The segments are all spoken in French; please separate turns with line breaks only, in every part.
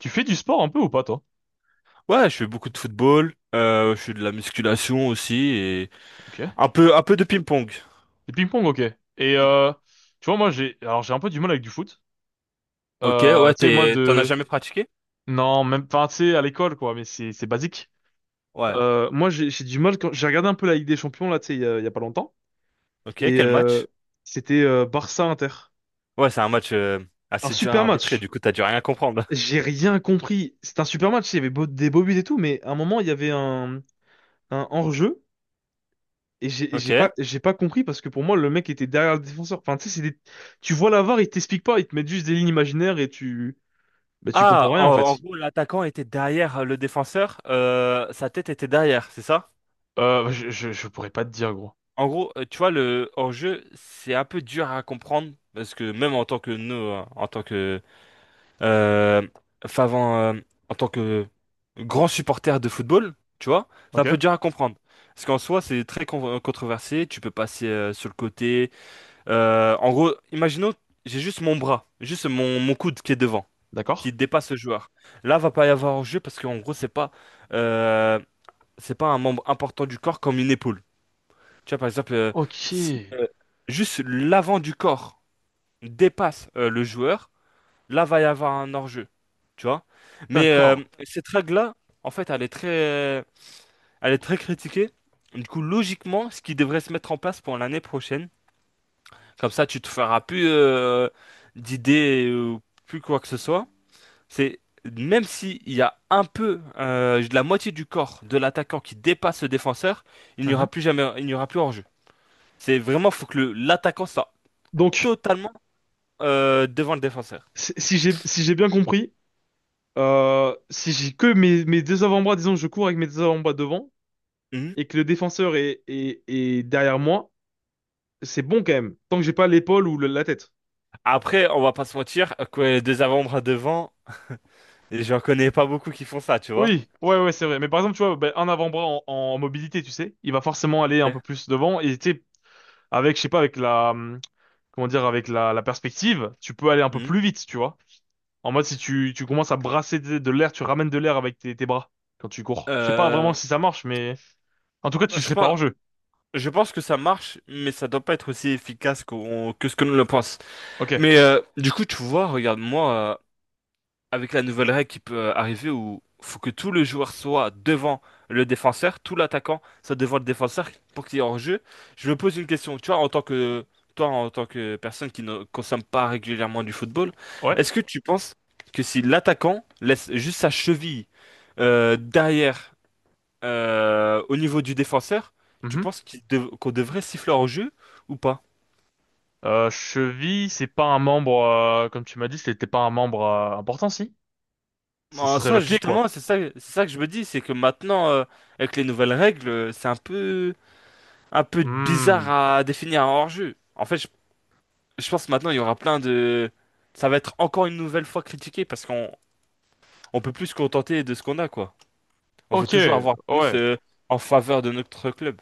Tu fais du sport un peu ou pas, toi?
Ouais, je fais beaucoup de football, je fais de la musculation aussi et
Ok. Le
un peu de ping-pong.
ping-pong, ok. Et
Mm.
tu vois, moi, j'ai alors j'ai un peu du mal avec du foot.
Ok, ouais,
Tu sais, moi,
t'en as
de...
jamais pratiqué?
Non, même... Enfin, tu sais, à l'école, quoi, mais c'est basique.
Ouais.
Moi, j'ai du mal quand... J'ai regardé un peu la Ligue des Champions, là, tu sais, il y a pas longtemps.
Ok,
Et
quel match?
c'était Barça-Inter.
Ouais, c'est un match
Un
assez dur à
super
arbitrer,
match.
du coup t'as dû rien comprendre.
J'ai rien compris. C'était un super match, il y avait des beaux buts et tout, mais à un moment, il y avait un hors-jeu. Et j'ai et
Ok.
j'ai pas, j'ai pas compris parce que pour moi, le mec était derrière le défenseur. Enfin, tu sais, c'est des... Tu vois la VAR, ils t'expliquent pas, ils te mettent juste des lignes imaginaires et bah, tu
Ah,
comprends rien
en,
en
En
fait.
gros, l'attaquant était derrière le défenseur, sa tête était derrière, c'est ça?
Je pourrais pas te dire, gros.
En gros, tu vois, le hors-jeu, c'est un peu dur à comprendre, parce que même en tant que nous, hein, Euh, Favant, euh, en tant que grand supporter de football, tu vois, c'est un peu
Ok?
dur à comprendre. Parce qu'en soi, controversé, tu peux passer sur le côté. En gros, imaginons, j'ai juste mon bras, juste mon coude qui est devant, qui
D'accord?
dépasse le joueur. Là, va pas y avoir jeu parce qu'en gros, euh, c'est pas un membre important du corps comme une épaule. Tu vois, par exemple,
Ok,
si juste l'avant du corps dépasse le joueur, là va y avoir un hors-jeu, tu vois. Mais
d'accord.
cette règle-là, en fait, elle est très critiquée. Du coup, logiquement, ce qui devrait se mettre en place pour l'année prochaine, comme ça, tu te feras plus d'idées ou plus quoi que ce soit. C'est même s'il y a un peu de la moitié du corps de l'attaquant qui dépasse le défenseur, il n'y aura
Mhm.
plus jamais, il n'y aura plus hors-jeu. C'est vraiment, faut que l'attaquant soit
Donc,
totalement devant le défenseur.
si j'ai bien compris, si j'ai que mes deux avant-bras, disons, je cours avec mes deux avant-bras devant
Mhm.
et que le défenseur est derrière moi, c'est bon quand même, tant que j'ai pas l'épaule ou la tête.
Après, on va pas se mentir, que deux avant-bras devant, j'en connais pas beaucoup qui font ça, tu vois.
Oui, ouais, ouais, c'est vrai. Mais par exemple, tu vois, ben, un avant-bras en mobilité, tu sais, il va forcément aller un peu
Ok.
plus devant. Et tu sais, avec, je sais pas, avec la, comment dire, avec la perspective, tu peux aller un peu plus
Mhm.
vite, tu vois. En mode, si tu commences à brasser de l'air, tu ramènes de l'air avec tes bras quand tu cours. Je sais pas vraiment
Euh,
si ça marche, mais en tout cas, tu
je
serais pas
pense,
hors jeu.
je pense que ça marche, mais ça doit pas être aussi efficace que ce que nous le pense.
Ok.
Mais du coup, tu vois, regarde-moi avec la nouvelle règle qui peut arriver où faut que tout le joueur soit devant le défenseur, tout l'attaquant soit devant le défenseur pour qu'il y ait hors-jeu. Je me pose une question, tu vois, en tant que toi, en tant que personne qui ne consomme pas régulièrement du football,
Ouais.
est-ce que tu penses que si l'attaquant laisse juste sa cheville derrière au niveau du défenseur, tu
Mhm.
penses qu'on devrait siffler hors-jeu ou pas?
Cheville, c'est pas un membre, comme tu m'as dit, c'était pas un membre important, si? Ce
En
serait
soi,
le pied, quoi.
justement, c'est ça que je me dis, c'est que maintenant, avec les nouvelles règles, c'est un peu bizarre
Hmm.
à définir un hors-jeu. En fait, je pense que maintenant il y aura plein de... Ça va être encore une nouvelle fois critiqué parce qu'on on peut plus se contenter de ce qu'on a, quoi. On veut
Ok.
toujours avoir plus
Ouais.
en faveur de notre club.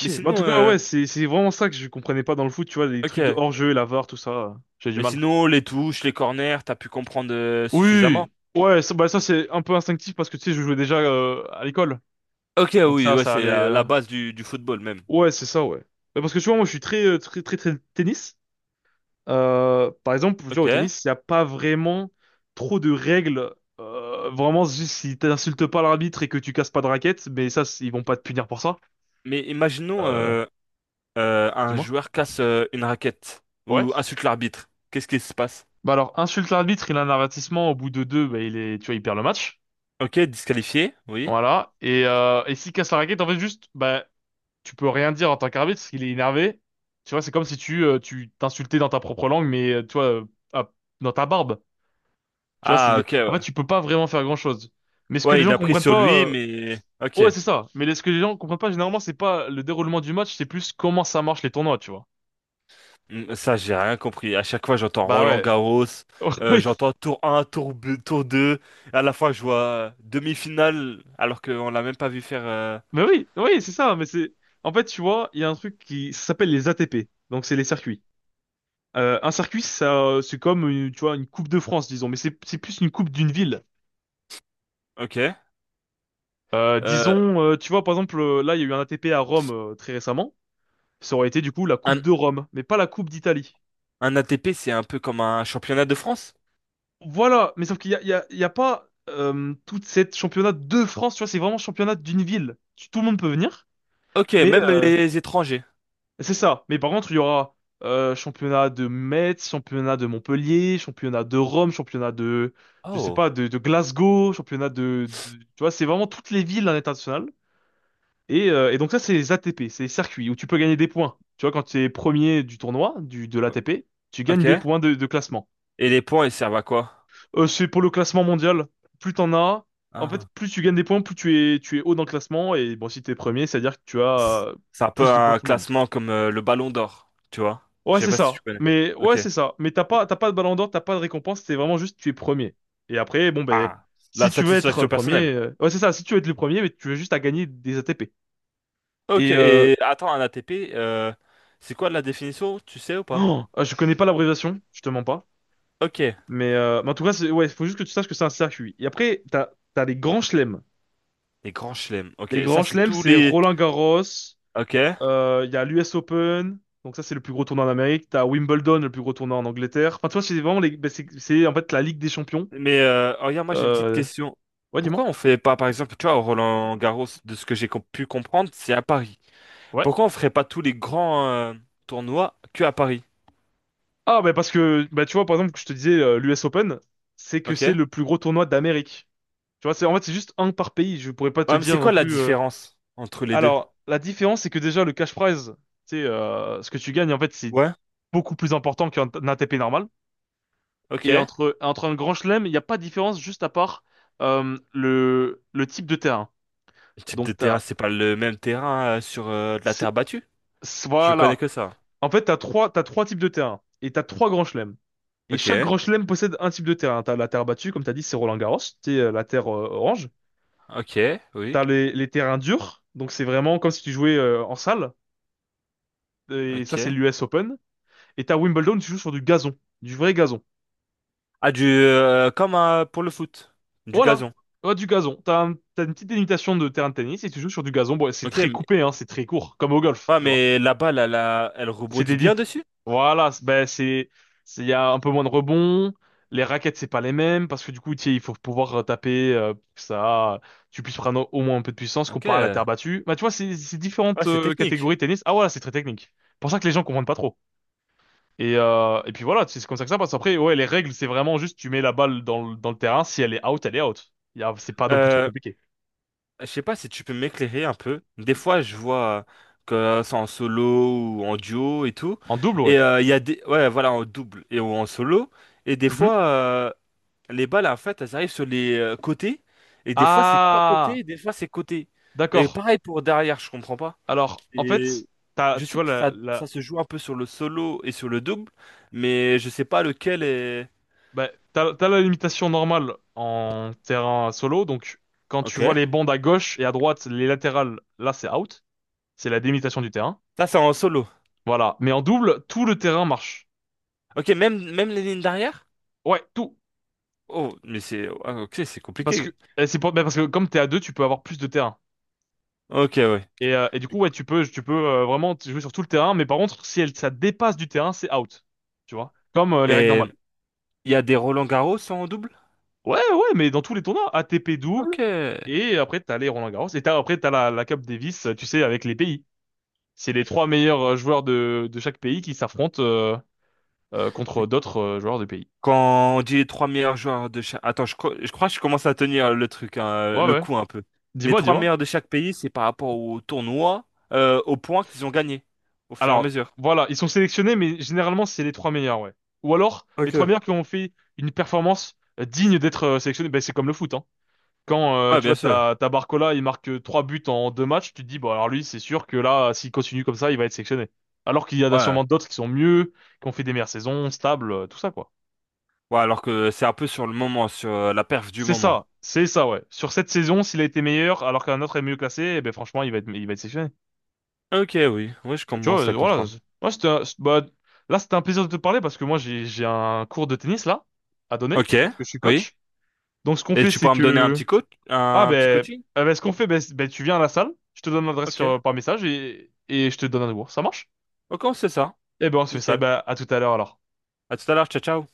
Mais
bah, en
sinon,
tout cas, ouais, c'est vraiment ça que je comprenais pas dans le foot, tu vois, les trucs de
ok.
hors-jeu, la VAR, tout ça, j'ai du
Et
mal.
sinon, les touches, les corners, t'as pu comprendre suffisamment.
Oui, ouais, ça, bah, ça c'est un peu instinctif parce que tu sais, je jouais déjà à l'école,
Ok,
donc
oui,
ça,
ouais,
ça
c'est
allait.
la base du football même.
Ouais, c'est ça, ouais. Bah, parce que tu vois, moi, je suis très, très, très, très tennis. Par exemple, tu vois, au
Ok.
tennis, il n'y a pas vraiment trop de règles. Vraiment, juste si t'insultes pas l'arbitre et que tu casses pas de raquette, mais ça, ils vont pas te punir pour ça.
Mais imaginons
Euh,
un
dis-moi.
joueur casse une raquette
Ouais.
ou insulte l'arbitre. Qu'est-ce qui se passe?
Bah alors, insulte l'arbitre, il a un avertissement, au bout de deux, bah tu vois, il perd le match.
Ok, disqualifié, oui.
Voilà. Et s'il casse la raquette, en fait, juste, bah, tu peux rien dire en tant qu'arbitre, parce qu'il est énervé. Tu vois, c'est comme si tu t'insultais dans ta propre langue, mais, tu vois, à- dans ta barbe. Tu vois,
Ah,
c'est,
ok,
en fait,
ouais.
tu peux pas vraiment faire grand-chose. Mais ce que les
Ouais, il
gens
l'a pris
comprennent
sur
pas,
lui, mais... Ok.
ouais, c'est ça. Mais ce que les gens comprennent pas, généralement, c'est pas le déroulement du match, c'est plus comment ça marche les tournois, tu vois.
Hmm, ça, j'ai rien compris. À chaque fois, j'entends
Bah
Roland
ouais.
Garros, j'entends tour un, tour 2. À la fois, je vois demi-finale, alors qu'on l'a même pas vu faire...
Mais oui, oui, c'est ça. Mais c'est, en fait, tu vois, il y a un truc qui ça s'appelle les ATP. Donc c'est les circuits. Un circuit, ça, c'est comme, tu vois, une coupe de France, disons. Mais c'est plus une coupe d'une ville.
ok. Euh,
Disons, tu vois, par exemple, là, il y a eu un ATP à Rome très récemment. Ça aurait été du coup la coupe
un,
de Rome, mais pas la coupe d'Italie.
un ATP, c'est un peu comme un championnat de France?
Voilà. Mais sauf qu'il y a pas toute cette championnat de France. Tu vois, c'est vraiment championnat d'une ville. Tout le monde peut venir.
Ok,
Mais
même les étrangers.
c'est ça. Mais par contre, il y aura championnat de Metz, championnat de Montpellier, championnat de Rome, championnat de, je sais
Oh,
pas, de Glasgow, championnat de, tu vois, c'est vraiment toutes les villes à l'international. Et donc ça, c'est les ATP, c'est les circuits où tu peux gagner des points. Tu vois, quand tu es premier du tournoi, de l'ATP, tu gagnes
ok.
des points de classement.
Et les points, ils servent à quoi?
C'est pour le classement mondial. Plus t'en as, en fait,
Ah.
plus tu gagnes des points, plus tu es haut dans le classement. Et bon, si t'es premier, c'est-à-dire que tu
C'est
as
c'est un peu
plus de points
un
que tout le monde.
classement comme le Ballon d'Or, tu vois? Je
Ouais,
sais
c'est
pas si
ça.
tu connais.
Mais ouais,
Ok.
c'est ça. Mais t'as pas de ballon d'or, t'as pas de récompense, c'est vraiment juste tu es premier. Et après, bon ben,
Ah,
si
la
tu veux être
satisfaction
le premier,
personnelle.
ouais, c'est ça. Si tu veux être le premier, mais tu veux juste à gagner des ATP.
Ok,
Et
et attends, un ATP, c'est quoi la définition, tu sais ou pas?
oh, ah, je connais pas l'abréviation, je te mens pas.
Ok,
Mais en tout cas, c'est... ouais, faut juste que tu saches que c'est un circuit. Et après, t'as les grands chelems.
les grands chelems. Ok,
Les grands
ça c'est
chelems,
tous
c'est
les...
Roland-Garros.
Ok,
Il y a l'US Open. Donc ça, c'est le plus gros tournoi en Amérique. T'as Wimbledon, le plus gros tournoi en Angleterre. Enfin, tu vois, c'est vraiment ben, c'est en fait la Ligue des Champions.
mais oh, regarde, moi j'ai une petite
Euh...
question.
Ouais,
Pourquoi
dis-moi.
on fait pas, par exemple, tu vois, au Roland-Garros, de ce que pu comprendre, c'est à Paris.
Ouais.
Pourquoi on ferait pas tous les grands tournois que à Paris?
Ah, bah parce que, bah tu vois, par exemple, que je te disais, l'US Open, c'est que c'est
Ok?
le plus gros tournoi d'Amérique. Tu vois, c'est, en fait, c'est juste un par pays. Je pourrais pas te
Ouais, mais c'est
dire non
quoi la
plus.
différence entre les deux?
Alors, la différence, c'est que déjà, le cash prize, tu sais, ce que tu gagnes, en fait, c'est
Ouais,
beaucoup plus important qu'un un ATP normal.
ok.
Et
Le
entre un grand chelem, il n'y a pas de différence juste à part le type de terrain.
type de
Donc,
terrain,
t'as.
c'est pas le même terrain sur de la
c'est-
terre battue? Je connais
Voilà.
que ça.
En fait, t'as trois types de terrains et t'as trois grands chelems. Et
Ok,
chaque grand chelem possède un type de terrain. T'as la terre battue, comme t'as dit, c'est Roland-Garros, c'est la terre orange.
ok, oui,
T'as les terrains durs, donc c'est vraiment comme si tu jouais en salle. Et ça, c'est
ok.
l'US Open. Et t'as Wimbledon, tu joues sur du gazon, du vrai gazon.
Ah, du, comme pour le foot, du
Voilà,
gazon.
ouais, du gazon. T'as t'as une petite délimitation de terrain de tennis et tu joues sur du gazon. Bon, c'est
Ok,
très
mais,
coupé, hein, c'est très court, comme au golf,
ouais,
tu vois.
mais la balle, elle, elle
C'est
rebondit
des
bien
dips.
dessus.
Voilà, il y a un peu moins de rebonds. Les raquettes, c'est pas les mêmes parce que du coup, tu sais, il faut pouvoir taper pour que ça, tu puisses prendre au moins un peu de puissance
Ok,
comparé à la terre
ouais,
battue. Bah, tu vois, c'est différentes
c'est technique.
catégories de tennis. Ah voilà, c'est très technique. C'est pour ça que les gens comprennent pas trop. Et puis voilà, c'est comme ça que ça passe. Après, ouais, les règles, c'est vraiment juste, tu mets la balle dans, dans le terrain. Si elle est out, elle est out. C'est pas non plus trop
Euh,
compliqué.
je sais pas si tu peux m'éclairer un peu. Des fois, je vois que c'est en solo ou en duo et tout.
En double, ouais.
Et il y a des, ouais, voilà, en double et ou en solo. Et des
Mhm.
fois, les balles, en fait, elles arrivent sur les côtés. Et des fois, c'est pas côté,
Ah,
et des fois, c'est côté. Et
d'accord.
pareil pour derrière, je comprends pas.
Alors, en
Et
fait,
je
tu
sais
vois,
que ça se joue un peu sur le solo et sur le double, mais je sais pas lequel est.
bah, t'as la limitation normale en terrain solo, donc quand tu vois
Ok.
les bandes à gauche et à droite, les latérales, là c'est out, c'est la délimitation du terrain.
Ça, c'est en solo.
Voilà, mais en double, tout le terrain marche.
Ok, même les lignes d'arrière?
Ouais, tout,
Oh, mais c'est. Ah, ok, c'est
parce que
compliqué.
et c'est pas, bah, parce que comme t'es à deux, tu peux avoir plus de terrain.
Ok, ouais.
Et du coup, ouais, tu peux vraiment jouer sur tout le terrain, mais par contre, si elle, ça dépasse du terrain, c'est out, tu vois, comme les règles
Et
normales.
il y a des Roland-Garros en double?
Ouais, ouais, mais dans tous les tournois, ATP double,
Ok.
et après t'as les Roland-Garros, et après t'as la Cup Davis, tu sais, avec les pays. C'est les trois meilleurs joueurs de chaque pays qui s'affrontent contre d'autres joueurs de pays.
Quand on dit les trois meilleurs joueurs de chaque. Attends, je crois que je commence à tenir le truc, hein,
Ouais,
le
ouais.
coup un peu. Les
Dis-moi,
trois
dis-moi.
meilleurs de chaque pays, c'est par rapport au tournoi, aux points qu'ils ont gagnés au fur et à
Alors,
mesure.
voilà, ils sont sélectionnés, mais généralement, c'est les trois meilleurs, ouais. Ou alors, les trois
Ok.
meilleurs qui ont fait une performance digne d'être sélectionnés. Ben, c'est comme le foot, hein. Quand,
Ouais,
tu
bien
vois,
sûr.
t'as Barcola, il marque trois buts en deux matchs, tu te dis, bon, alors lui, c'est sûr que là, s'il continue comme ça, il va être sélectionné. Alors qu'il y en a
Ouais.
sûrement d'autres qui sont mieux, qui ont fait des meilleures saisons, stables, tout ça, quoi.
Ouais, alors que c'est un peu sur le moment, sur la perf du moment.
C'est ça, ouais. Sur cette saison, s'il a été meilleur alors qu'un autre est mieux classé, eh ben franchement, il va être sélectionné.
Ok, oui, oui, je
Tu vois,
commence à
voilà.
comprendre.
c'est- Moi, c'était, un- c'est- bah, là, c'était un plaisir de te parler parce que moi, j'ai un cours de tennis là à donner
Ok,
parce que je suis
oui.
coach. Donc, ce qu'on
Et
fait,
tu
c'est
pourras me donner un
que,
petit coach,
ah
un petit
ben,
coaching?
ce qu'on fait, ben, ben, tu viens à la salle, je te donne l'adresse
Ok.
sur par message et je te donne un cours. Ça marche?
Ok, on sait ça.
Eh ben, on se fait ça.
Nickel.
Ben, à tout à l'heure alors.
À tout à l'heure, ciao, ciao.